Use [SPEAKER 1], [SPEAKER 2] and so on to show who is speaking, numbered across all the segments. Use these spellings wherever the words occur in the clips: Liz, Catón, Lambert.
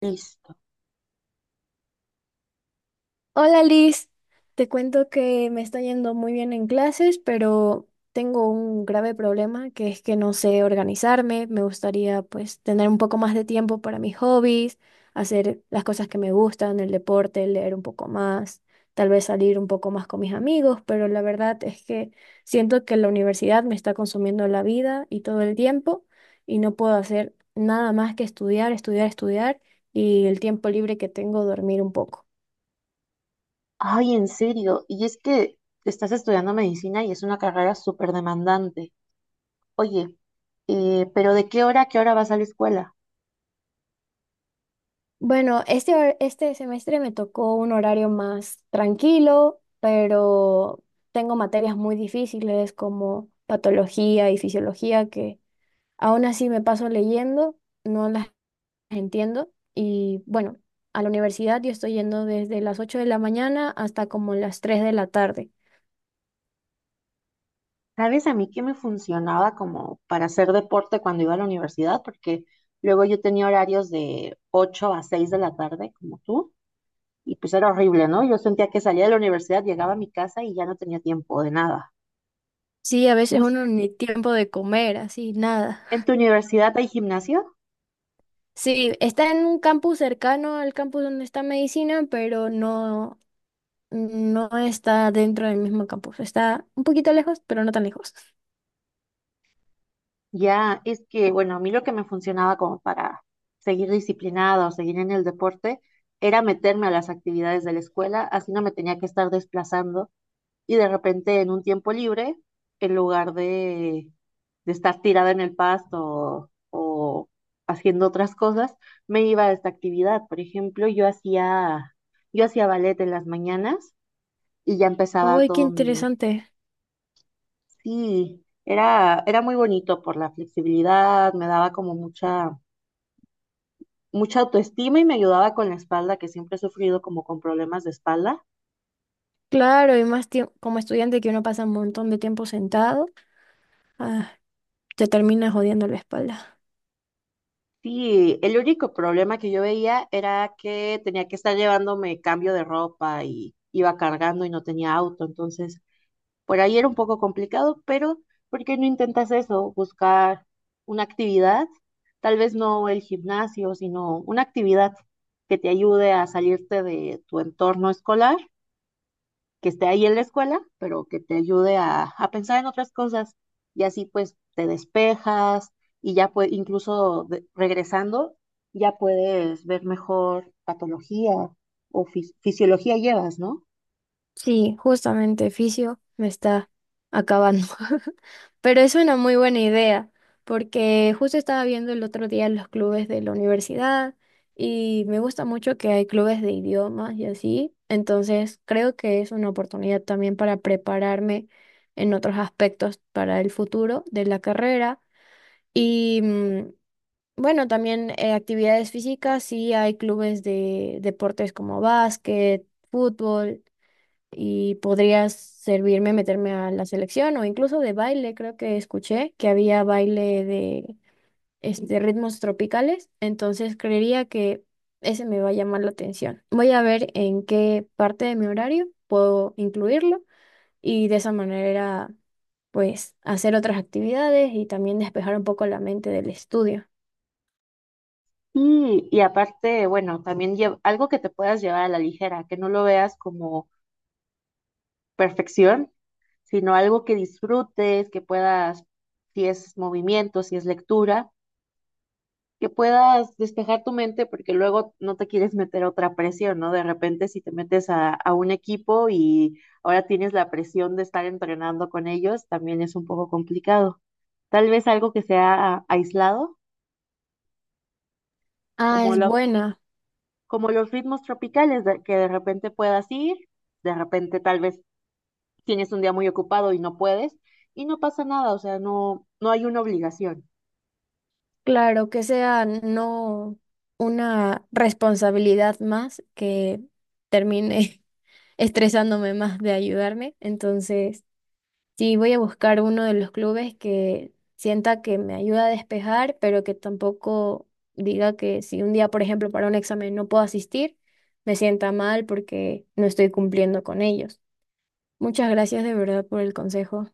[SPEAKER 1] Listo.
[SPEAKER 2] Hola Liz, te cuento que me está yendo muy bien en clases, pero tengo un grave problema que es que no sé organizarme. Me gustaría pues tener un poco más de tiempo para mis hobbies, hacer las cosas que me gustan, el deporte, leer un poco más, tal vez salir un poco más con mis amigos, pero la verdad es que siento que la universidad me está consumiendo la vida y todo el tiempo y no puedo hacer nada más que estudiar, estudiar, estudiar y el tiempo libre que tengo dormir un poco.
[SPEAKER 1] Ay, en serio. Y es que estás estudiando medicina y es una carrera súper demandante. Oye, pero ¿de qué hora a qué hora vas a la escuela?
[SPEAKER 2] Bueno, este semestre me tocó un horario más tranquilo, pero tengo materias muy difíciles como patología y fisiología que aún así me paso leyendo, no las entiendo. Y bueno, a la universidad yo estoy yendo desde las 8 de la mañana hasta como las 3 de la tarde.
[SPEAKER 1] ¿Sabes a mí qué me funcionaba como para hacer deporte cuando iba a la universidad? Porque luego yo tenía horarios de 8 a 6 de la tarde, como tú, y pues era horrible, ¿no? Yo sentía que salía de la universidad, llegaba a mi casa y ya no tenía tiempo de nada.
[SPEAKER 2] Sí, a veces
[SPEAKER 1] Bus-
[SPEAKER 2] uno ni tiempo de comer, así, nada.
[SPEAKER 1] ¿En tu universidad hay gimnasio?
[SPEAKER 2] Sí, está en un campus cercano al campus donde está medicina, No está dentro del mismo campus, está un poquito lejos, pero no tan lejos.
[SPEAKER 1] Ya, es que, bueno, a mí lo que me funcionaba como para seguir disciplinada o seguir en el deporte era meterme a las actividades de la escuela, así no me tenía que estar desplazando y de repente en un tiempo libre, en lugar de estar tirada en el pasto o haciendo otras cosas, me iba a esta actividad. Por ejemplo, yo hacía ballet en las mañanas y ya empezaba
[SPEAKER 2] Uy, qué
[SPEAKER 1] todo mi.
[SPEAKER 2] interesante.
[SPEAKER 1] Sí, era muy bonito por la flexibilidad, me daba como mucha autoestima y me ayudaba con la espalda, que siempre he sufrido como con problemas de espalda.
[SPEAKER 2] Claro, y más tiempo, como estudiante que uno pasa un montón de tiempo sentado, ah, te termina jodiendo la espalda.
[SPEAKER 1] Sí, el único problema que yo veía era que tenía que estar llevándome cambio de ropa y iba cargando y no tenía auto, entonces por ahí era un poco complicado, pero ¿por qué no intentas eso? Buscar una actividad, tal vez no el gimnasio, sino una actividad que te ayude a salirte de tu entorno escolar que esté ahí en la escuela, pero que te ayude a pensar en otras cosas y así pues te despejas y ya pues incluso regresando ya puedes ver mejor patología o fisiología llevas, ¿no?
[SPEAKER 2] Sí, justamente fisio me está acabando. Pero es una muy buena idea, porque justo estaba viendo el otro día los clubes de la universidad y me gusta mucho que hay clubes de idiomas y así. Entonces, creo que es una oportunidad también para prepararme en otros aspectos para el futuro de la carrera. Y bueno, también actividades físicas, sí hay clubes de deportes como básquet, fútbol y podría servirme meterme a la selección o incluso de baile. Creo que escuché que había baile de ritmos tropicales, entonces creería que ese me va a llamar la atención. Voy a ver en qué parte de mi horario puedo incluirlo y de esa manera pues hacer otras actividades y también despejar un poco la mente del estudio.
[SPEAKER 1] Y aparte, bueno, también algo que te puedas llevar a la ligera, que no lo veas como perfección, sino algo que disfrutes, que puedas, si es movimiento, si es lectura, que puedas despejar tu mente porque luego no te quieres meter a otra presión, ¿no? De repente si te metes a un equipo y ahora tienes la presión de estar entrenando con ellos, también es un poco complicado. Tal vez algo que sea aislado,
[SPEAKER 2] Ah,
[SPEAKER 1] como
[SPEAKER 2] es
[SPEAKER 1] los,
[SPEAKER 2] buena.
[SPEAKER 1] como los ritmos tropicales, que de repente puedas ir, de repente tal vez tienes un día muy ocupado y no puedes, y no pasa nada, o sea, no hay una obligación.
[SPEAKER 2] Claro, que sea no una responsabilidad más que termine estresándome más de ayudarme. Entonces, sí, voy a buscar uno de los clubes que sienta que me ayuda a despejar, pero que tampoco diga que si un día, por ejemplo, para un examen no puedo asistir, me sienta mal porque no estoy cumpliendo con ellos. Muchas gracias de verdad por el consejo.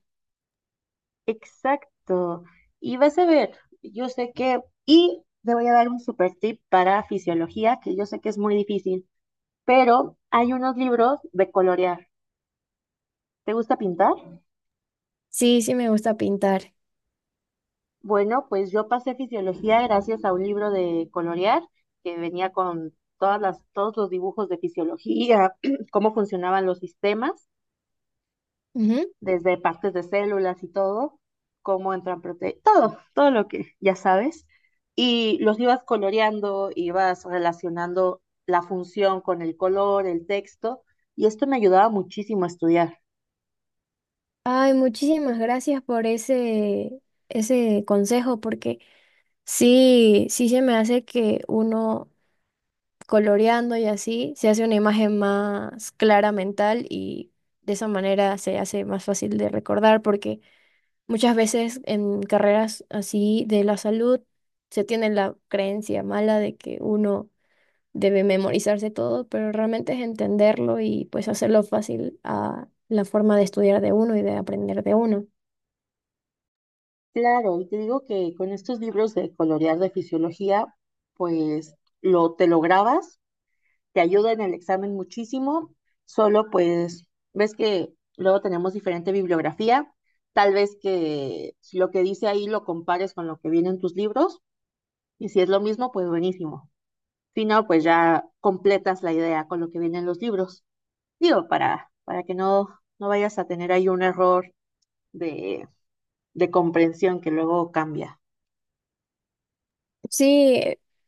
[SPEAKER 1] Exacto. Y vas a ver, y te voy a dar un super tip para fisiología, que yo sé que es muy difícil, pero hay unos libros de colorear. ¿Te gusta pintar?
[SPEAKER 2] Sí, sí me gusta pintar.
[SPEAKER 1] Bueno, pues yo pasé fisiología gracias a un libro de colorear que venía con todos los dibujos de fisiología, cómo funcionaban los sistemas
[SPEAKER 2] Ujú.
[SPEAKER 1] desde partes de células y todo, cómo entran proteínas, todo lo que ya sabes. Y los ibas coloreando, ibas relacionando la función con el color, el texto, y esto me ayudaba muchísimo a estudiar.
[SPEAKER 2] Ay, muchísimas gracias por ese, ese consejo, porque sí, sí se me hace que uno coloreando y así se hace una imagen más clara mental y de esa manera se hace más fácil de recordar, porque muchas veces en carreras así de la salud se tiene la creencia mala de que uno debe memorizarse todo, pero realmente es entenderlo y pues hacerlo fácil a la forma de estudiar de uno y de aprender de uno.
[SPEAKER 1] Claro, y te digo que con estos libros de colorear de fisiología, pues lo te lo grabas te ayuda en el examen muchísimo, solo pues ves que luego tenemos diferente bibliografía, tal vez que lo que dice ahí lo compares con lo que viene en tus libros y si es lo mismo, pues buenísimo. Si no, pues ya completas la idea con lo que viene en los libros. Digo, para que no vayas a tener ahí un error de, de comprensión que luego cambia.
[SPEAKER 2] Sí,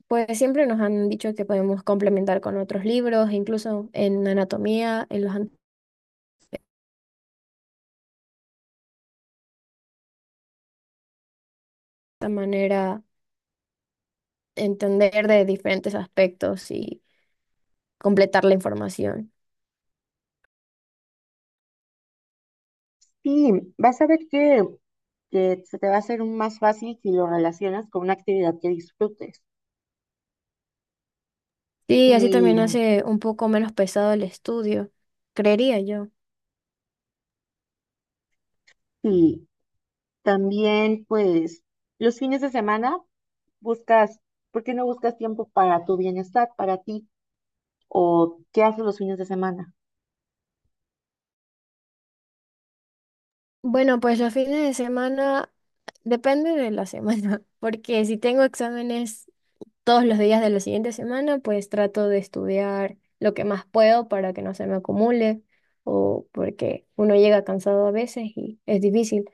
[SPEAKER 2] pues siempre nos han dicho que podemos complementar con otros libros, incluso en anatomía, de manera entender de diferentes aspectos y completar la información.
[SPEAKER 1] Y vas a ver que se te va a hacer más fácil si lo relacionas con una actividad que disfrutes.
[SPEAKER 2] Sí, así también
[SPEAKER 1] Y
[SPEAKER 2] hace un poco menos pesado el estudio, creería yo.
[SPEAKER 1] sí, también pues los fines de semana buscas, ¿por qué no buscas tiempo para tu bienestar, para ti? ¿O qué haces los fines de semana?
[SPEAKER 2] Bueno, pues los fines de semana depende de la semana, porque si tengo exámenes todos los días de la siguiente semana, pues trato de estudiar lo que más puedo para que no se me acumule o porque uno llega cansado a veces y es difícil.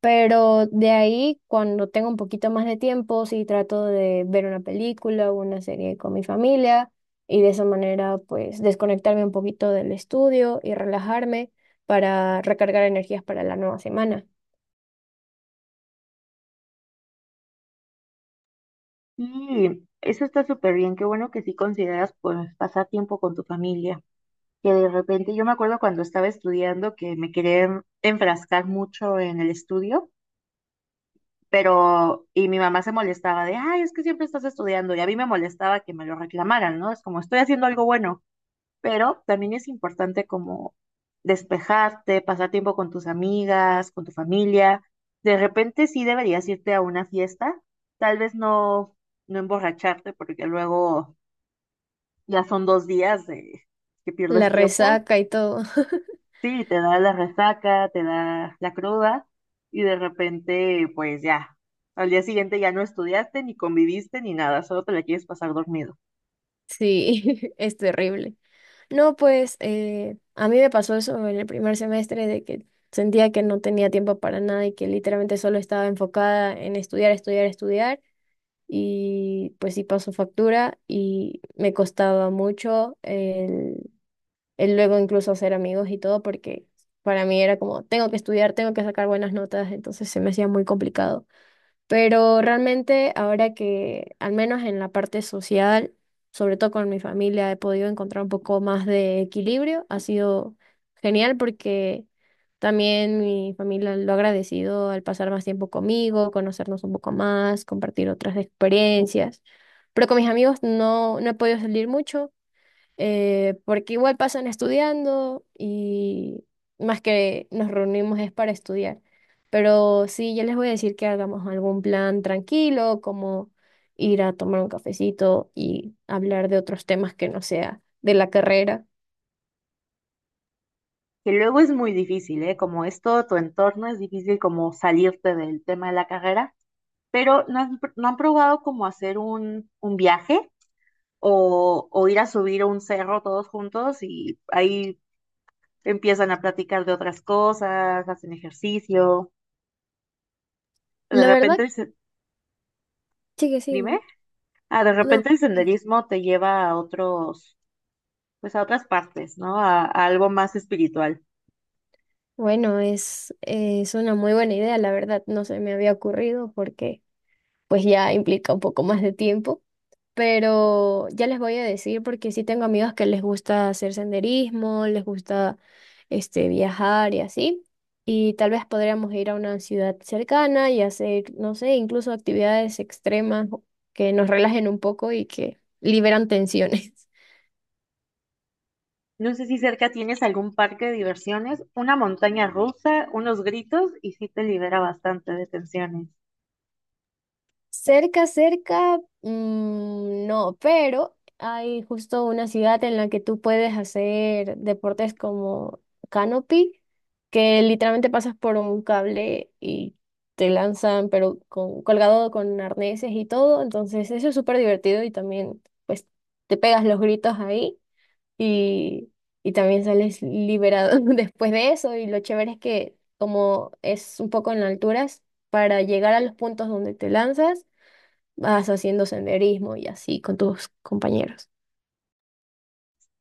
[SPEAKER 2] Pero de ahí, cuando tengo un poquito más de tiempo, sí trato de ver una película o una serie con mi familia y de esa manera, pues desconectarme un poquito del estudio y relajarme para recargar energías para la nueva semana.
[SPEAKER 1] Sí, eso está súper bien, qué bueno que sí consideras pues pasar tiempo con tu familia. Que de repente, yo me acuerdo cuando estaba estudiando que me quería enfrascar mucho en el estudio, pero y mi mamá se molestaba de, ay, es que siempre estás estudiando, y a mí me molestaba que me lo reclamaran, ¿no? Es como, estoy haciendo algo bueno. Pero también es importante como despejarte, pasar tiempo con tus amigas, con tu familia. De repente sí deberías irte a una fiesta, tal vez no, no emborracharte porque luego ya son dos días de que
[SPEAKER 2] La
[SPEAKER 1] pierdes tiempo.
[SPEAKER 2] resaca y todo.
[SPEAKER 1] Sí, te da la resaca, te da la cruda y de repente pues ya, al día siguiente ya no estudiaste ni conviviste ni nada, solo te la quieres pasar dormido.
[SPEAKER 2] Sí, es terrible. No, pues a mí me pasó eso en el primer semestre de que sentía que no tenía tiempo para nada y que literalmente solo estaba enfocada en estudiar, estudiar, estudiar y pues sí pasó factura y me costaba mucho el luego incluso hacer amigos y todo porque para mí era como tengo que estudiar, tengo que sacar buenas notas, entonces se me hacía muy complicado. Pero realmente ahora que, al menos en la parte social, sobre todo con mi familia, he podido encontrar un poco más de equilibrio. Ha sido genial porque también mi familia lo ha agradecido al pasar más tiempo conmigo, conocernos un poco más, compartir otras experiencias. Pero con mis amigos no, no he podido salir mucho porque igual pasan estudiando y más que nos reunimos es para estudiar. Pero sí, ya les voy a decir que hagamos algún plan tranquilo, como ir a tomar un cafecito y hablar de otros temas que no sea de la carrera.
[SPEAKER 1] Que luego es muy difícil, ¿eh? Como es todo tu entorno, es difícil como salirte del tema de la carrera, pero no han probado como hacer un viaje o ir a subir un cerro todos juntos y ahí empiezan a platicar de otras cosas, hacen ejercicio. De
[SPEAKER 2] La
[SPEAKER 1] repente,
[SPEAKER 2] verdad,
[SPEAKER 1] el
[SPEAKER 2] sí que sí,
[SPEAKER 1] dime, ah, de
[SPEAKER 2] no.
[SPEAKER 1] repente el senderismo te lleva a otros, pues a otras partes, ¿no? A algo más espiritual.
[SPEAKER 2] Bueno, es una muy buena idea, la verdad, no se me había ocurrido porque pues ya implica un poco más de tiempo. Pero ya les voy a decir porque sí tengo amigos que les gusta hacer senderismo, les gusta viajar y así. Y tal vez podríamos ir a una ciudad cercana y hacer, no sé, incluso actividades extremas que nos relajen un poco y que liberan tensiones.
[SPEAKER 1] No sé si cerca tienes algún parque de diversiones, una montaña rusa, unos gritos y sí te libera bastante de tensiones.
[SPEAKER 2] Cerca, cerca, no, pero hay justo una ciudad en la que tú puedes hacer deportes como canopy, que literalmente pasas por un cable y te lanzan, pero con, colgado con arneses y todo. Entonces, eso es súper divertido y también, pues, te pegas los gritos ahí y, y también sales liberado después de eso. Y lo chévere es que, como es un poco en alturas, para llegar a los puntos donde te lanzas, vas haciendo senderismo y así con tus compañeros.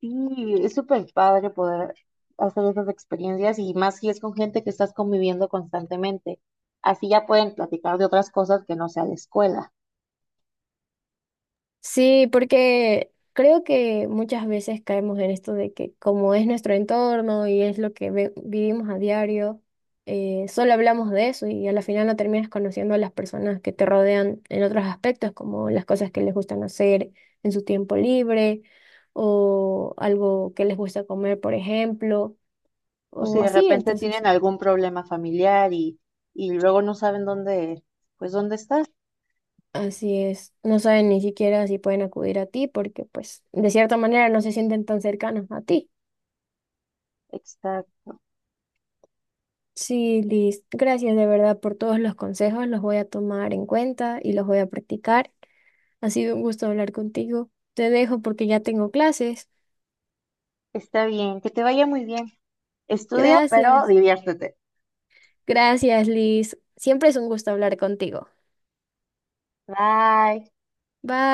[SPEAKER 1] Sí, es súper padre poder hacer esas experiencias y más si es con gente que estás conviviendo constantemente. Así ya pueden platicar de otras cosas que no sea la escuela.
[SPEAKER 2] Sí, porque creo que muchas veces caemos en esto de que como es nuestro entorno y es lo que vivimos a diario, solo hablamos de eso y a la final no terminas conociendo a las personas que te rodean en otros aspectos, como las cosas que les gustan hacer en su tiempo libre o algo que les gusta comer, por ejemplo,
[SPEAKER 1] O si
[SPEAKER 2] o
[SPEAKER 1] de
[SPEAKER 2] así,
[SPEAKER 1] repente
[SPEAKER 2] entonces.
[SPEAKER 1] tienen algún problema familiar y luego no saben dónde, pues dónde estás.
[SPEAKER 2] Así es, no saben ni siquiera si pueden acudir a ti porque pues de cierta manera no se sienten tan cercanos a ti.
[SPEAKER 1] Exacto.
[SPEAKER 2] Sí, Liz, gracias de verdad por todos los consejos, los voy a tomar en cuenta y los voy a practicar. Ha sido un gusto hablar contigo. Te dejo porque ya tengo clases.
[SPEAKER 1] Está bien, que te vaya muy bien. Estudia, pero
[SPEAKER 2] Gracias,
[SPEAKER 1] diviértete.
[SPEAKER 2] gracias, Liz. Siempre es un gusto hablar contigo.
[SPEAKER 1] Bye.
[SPEAKER 2] Bye.